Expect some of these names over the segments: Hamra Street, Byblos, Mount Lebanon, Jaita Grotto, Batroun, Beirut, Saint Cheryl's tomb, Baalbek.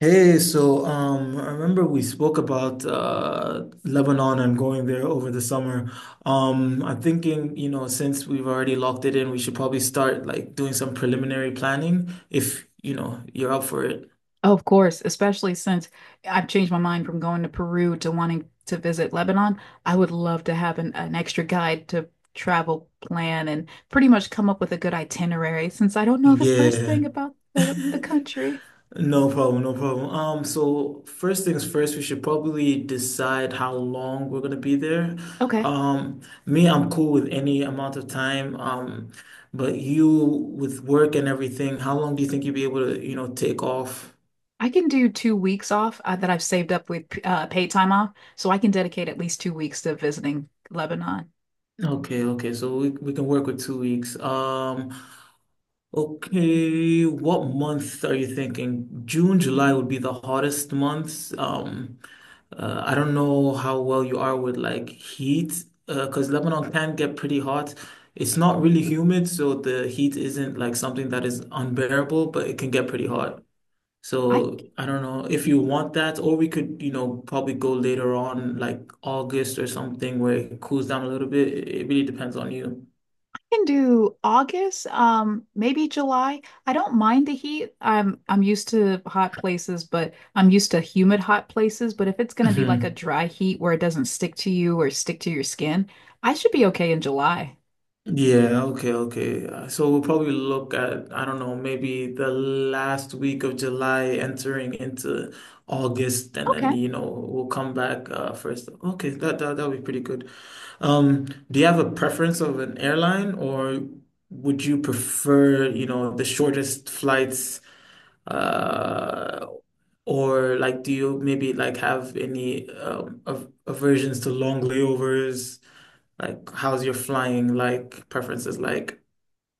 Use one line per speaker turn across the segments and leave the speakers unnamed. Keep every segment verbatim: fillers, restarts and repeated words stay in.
Hey, so um, I remember we spoke about uh, Lebanon and going there over the summer. Um, I'm thinking, you know, since we've already locked it in, we should probably start like doing some preliminary planning if, you know, you're up for it.
Oh, of course, especially since I've changed my mind from going to Peru to wanting to visit Lebanon. I would love to have an, an extra guide to travel plan and pretty much come up with a good itinerary since I don't know the first
Yeah.
thing about the, the country.
No problem, no problem. Um, so first things first, we should probably decide how long we're gonna be there.
Okay,
Um, Me, I'm cool with any amount of time. Um, but you with work and everything, how long do you think you'll be able to, you know, take off?
I can do two weeks off uh, that I've saved up with uh, paid time off, so I can dedicate at least two weeks to visiting Lebanon.
Okay, okay. So we we can work with two weeks. Um, Okay, what month are you thinking? June, July would be the hottest months. Um, uh, I don't know how well you are with like heat, uh, because Lebanon can get pretty hot. It's not really humid, so the heat isn't like something that is unbearable, but it can get pretty hot.
I
So I don't know if you want that, or we could, you know, probably go later on, like August or something, where it cools down a little bit. It it really depends on you.
can do August, um, maybe July. I don't mind the heat. I'm I'm used to hot places, but I'm used to humid hot places. But if it's gonna be like a dry heat where it doesn't stick to you or stick to your skin, I should be okay in July.
Yeah, okay, okay. Uh, So we'll probably look at, I don't know, maybe the last week of July entering into August, and then,
Okay.
you know, we'll come back uh first. Okay, that that that'll be pretty good. Um, do you have a preference of an airline or would you prefer, you know, the shortest flights uh or like do you maybe like have any um av aversions to long layovers? Like, how's your flying like preferences like?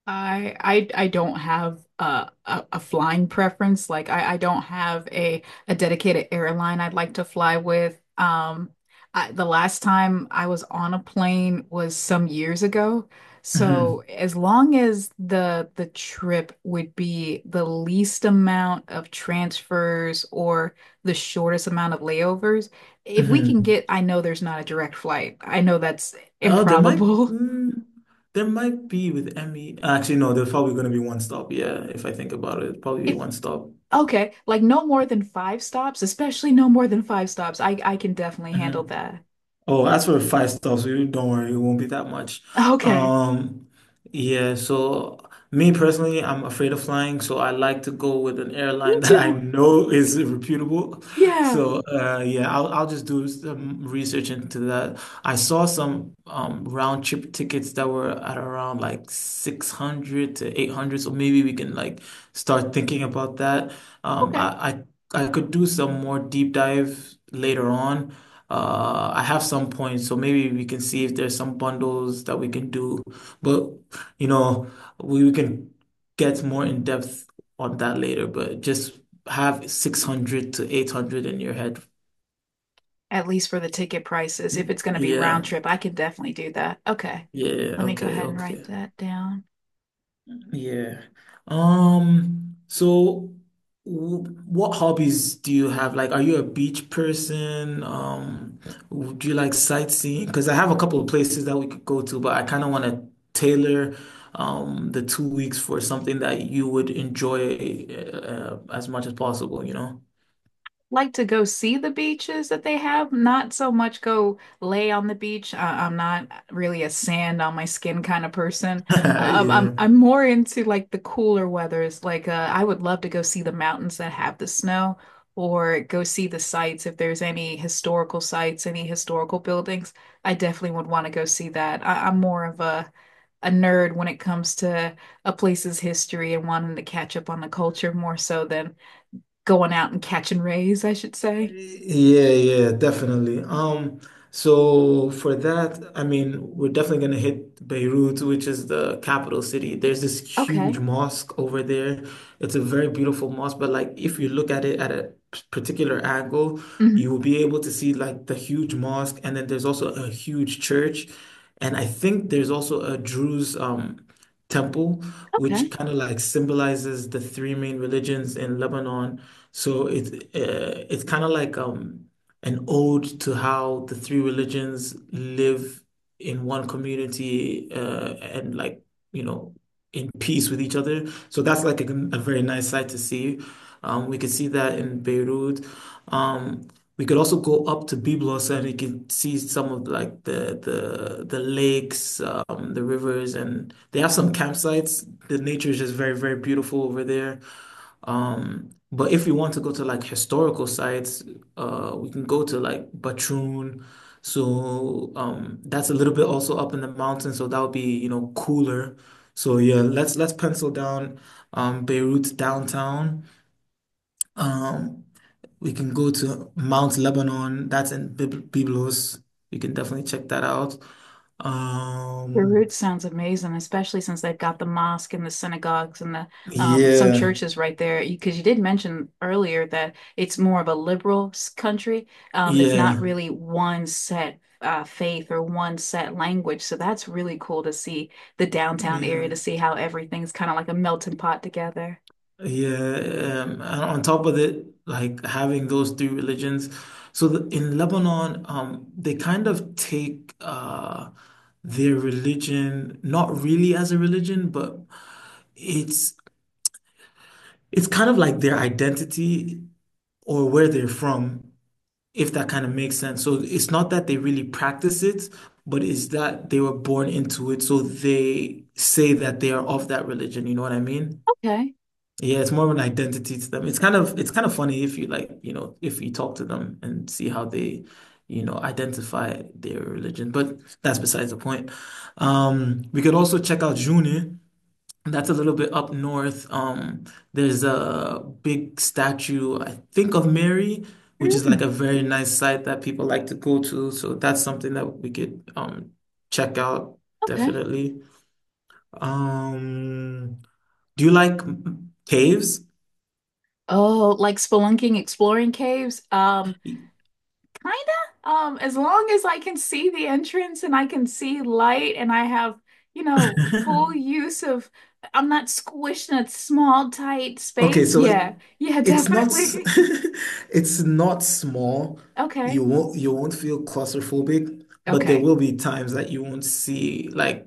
I I I don't have a, a a flying preference. Like I I don't have a a dedicated airline I'd like to fly with. Um, I, the last time I was on a plane was some years ago. So
hmm
as long as the the trip would be the least amount of transfers or the shortest amount of layovers, if we can
hmm
get, I know there's not a direct flight. I know that's
Oh, there might
improbable.
mm, there might be with Emmy. Actually, no, there's probably going to be one stop. Yeah, if I think about it, it'll probably be one stop.
Okay, like no more than five stops, especially no more than five stops. I I can definitely handle that.
Oh, that's for five stars. So you don't worry, it won't be that much.
Okay.
Um, yeah, so me personally, I'm afraid of flying, so I like to go with an airline
Me
that I
too.
know is reputable.
Yeah.
So uh, yeah, I'll I'll just do some research into that. I saw some um, round trip tickets that were at around like six hundred to eight hundred, so maybe we can like start thinking about that. Um,
Okay.
I I, I could do some more deep dive later on. Uh, I have some points, so maybe we can see if there's some bundles that we can do. But you know, we, we can get more in depth on that later. But just have six hundred to eight hundred in your head.
At least for the ticket prices, if it's going to be
Yeah.
round trip, I can definitely do that. Okay.
Yeah.
Let me go
Okay.
ahead and write
Okay.
that down.
Yeah. Um, so w What hobbies do you have? Like, are you a beach person? Um, w- Do you like sightseeing? Because I have a couple of places that we could go to, but I kind of want to tailor um the two weeks for something that you would enjoy uh, as much as possible, you know?
Like to go see the beaches that they have, not so much go lay on the beach. I I'm not really a sand on my skin kind of person. Um, I'm
Yeah.
I'm more into like the cooler weathers. Like uh, I would love to go see the mountains that have the snow, or go see the sites if there's any historical sites, any historical buildings. I definitely would want to go see that. I, I'm more of a a nerd when it comes to a place's history and wanting to catch up on the culture more so than going out and catching rays, I should say.
Yeah, yeah, definitely. Um, so for that, I mean, we're definitely gonna hit Beirut, which is the capital city. There's this huge
Okay.
mosque over there. It's a very beautiful mosque, but like if you look at it at a particular angle, you
Hmm.
will be able to see like the huge mosque, and then there's also a huge church, and I think there's also a Druze um temple, which
Okay.
kind of like symbolizes the three main religions in Lebanon. So it's uh, it's kind of like um an ode to how the three religions live in one community uh, and like you know in peace with each other. So that's like a, a very nice sight to see. Um, we could see that in Beirut. Um, we could also go up to Byblos and you can see some of like the the the lakes, um, the rivers, and they have some campsites. The nature is just very, very beautiful over there. Um, but if we want to go to like historical sites, uh, we can go to like Batroun. So um, that's a little bit also up in the mountains, so that would be, you know, cooler. So yeah, let's let's pencil down um, Beirut downtown. Um, we can go to Mount Lebanon. That's in Bib- Byblos. We can definitely check that out. Um,
Beirut sounds amazing, especially since they've got the mosque and the synagogues and the um, some
yeah,
churches right there. Because you did mention earlier that it's more of a liberal s- country. Um, it's not
yeah,
really one set uh, faith or one set language. So that's really cool to see the downtown area
yeah.
to see how everything's kind of like a melting pot together.
Yeah, um, and on top of it, like having those three religions. So the, in Lebanon, um, they kind of take uh, their religion not really as a religion, but it's it's kind of like their identity or where they're from, if that kind of makes sense. So it's not that they really practice it, but it's that they were born into it, so they say that they are of that religion. You know what I mean?
Okay.
Yeah, it's more of an identity to them. It's kind of it's kind of funny if you like, you know, if you talk to them and see how they, you know, identify their religion. But that's besides the point. Um, we could also check out June. That's a little bit up north. Um, there's a big statue, I think, of Mary, which is like
Mm,
a very nice site that people like to go to. So that's something that we could um check out
okay.
definitely. Um, do you like caves?
Oh, like spelunking, exploring caves. Um, Kinda. Um, as long as I can see the entrance and I can see light and I have, you know, full use of, I'm not squished in a small, tight
Okay,
space.
so it-
Yeah. Yeah,
it's not s-
definitely.
it's not small. You
Okay.
won't you won't feel claustrophobic, but there
Okay.
will be times that you won't see like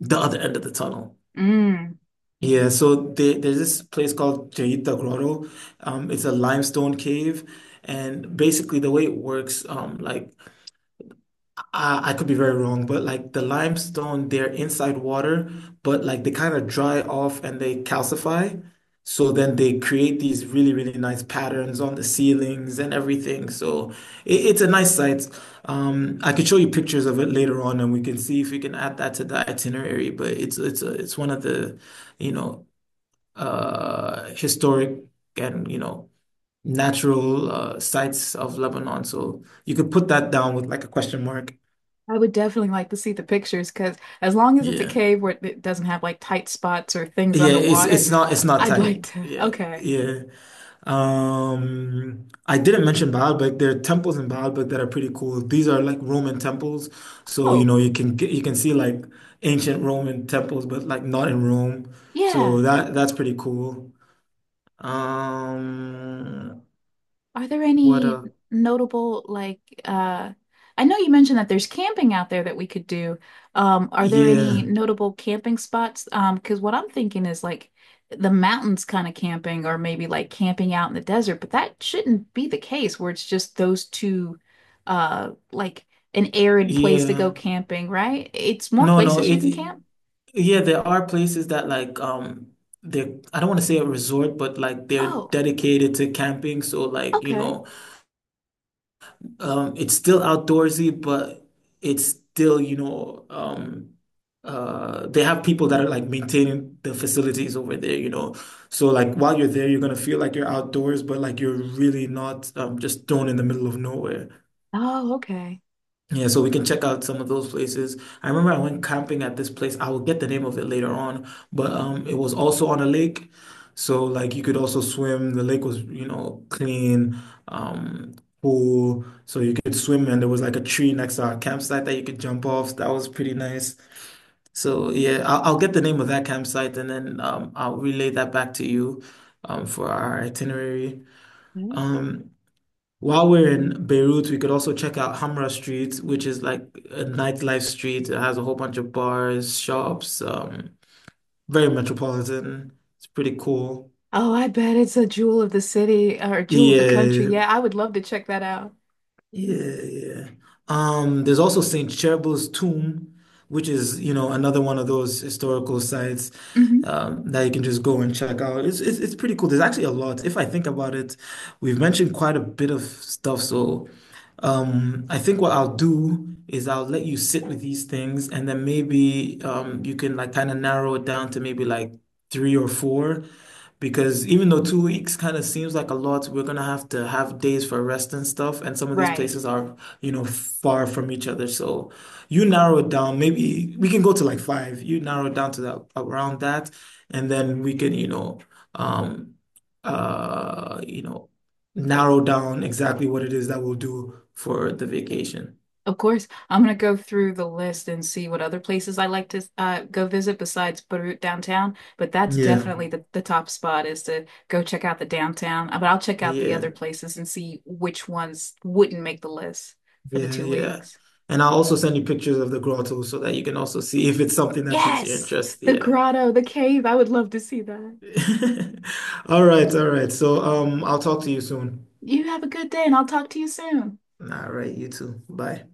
the other end of the tunnel.
Mm.
Yeah, so there, there's this place called Jaita Grotto. Um, it's a limestone cave, and basically the way it works, um, like I, I could be very wrong, but like the limestone, they're inside water, but like they kind of dry off and they calcify. So then they create these really, really nice patterns on the ceilings and everything. So it, it's a nice sight. Um, I could show you pictures of it later on, and we can see if we can add that to the itinerary. But it's it's a, it's one of the, you know, uh, historic and you know natural uh, sites of Lebanon. So you could put that down with like a question mark.
I would definitely like to see the pictures because as long as it's a
Yeah.
cave where it doesn't have like tight spots or things
Yeah, it's
underwater,
it's not it's not
I'd
tight.
like to.
Yeah,
Okay.
yeah. Um, I didn't mention Baalbek. There are temples in Baalbek that are pretty cool. These are like Roman temples, so you
Oh,
know you can get, you can see like ancient Roman temples, but like not in Rome. So
yeah.
that that's pretty cool. Um,
Are there
what
any
a
notable like uh I know you mentioned that there's camping out there that we could do. Um, are there any
Yeah,
notable camping spots? Um, because what I'm thinking is like the mountains kind of camping or maybe like camping out in the desert, but that shouldn't be the case where it's just those two uh like an arid place to go
yeah.
camping, right? It's more
No, no.
places you can
It
camp.
Yeah, there are places that like um they're I don't want to say a resort, but like they're
Oh,
dedicated to camping. So like, you
okay.
know. Um, it's still outdoorsy, but it's still, you know, um, uh, they have people that are like maintaining the facilities over there, you know. So like while you're there, you're gonna feel like you're outdoors, but like you're really not um, just thrown in the middle of nowhere.
Oh, okay.
Yeah, so we can check out some of those places. I remember I went camping at this place. I will get the name of it later on, but um, it was also on a lake, so like you could also swim. The lake was, you know, clean, um, pool, so you could swim, and there was like a tree next to our campsite that you could jump off. That was pretty nice. So yeah, I'll, I'll get the name of that campsite, and then um, I'll relay that back to you, um, for our itinerary. Um, while we're in Beirut, we could also check out Hamra Street, which is like a nightlife street. It has a whole bunch of bars, shops, um, very metropolitan. It's pretty cool.
Oh, I bet it's a jewel of the city or jewel of the country.
Yeah,
Yeah, I would love to check that out.
yeah, yeah. Um, there's also Saint Cheryl's tomb, which is, you know, another one of those historical sites
Hmm.
um, that you can just go and check out. It's, it's it's pretty cool. There's actually a lot. If I think about it, we've mentioned quite a bit of stuff, so. I think what I'll do is I'll let you sit with these things and then maybe um, you can like kind of narrow it down to maybe like three or four because even though two weeks kind of seems like a lot, we're gonna have to have days for rest and stuff, and some of these
Right.
places are, you know, far from each other. So you narrow it down, maybe we can go to like five. You narrow it down to that around that, and then we can, you know, um uh you know narrow down exactly what it is that we'll do for the vacation.
Of course, I'm gonna go through the list and see what other places I like to uh, go visit besides Beirut downtown. But that's
Yeah.
definitely the, the top spot is to go check out the downtown. Uh, But I'll check out the other
Yeah,
places and see which ones wouldn't make the list for the
yeah,
two
yeah.
weeks.
And I'll also send you pictures of the grotto so that you can also see if it's something that piques your
Yes,
interest.
the
Yeah.
grotto, the cave. I would love to see that.
All right, all right. So, um, I'll talk to you soon.
You have a good day, and I'll talk to you soon.
All right, you too. Bye.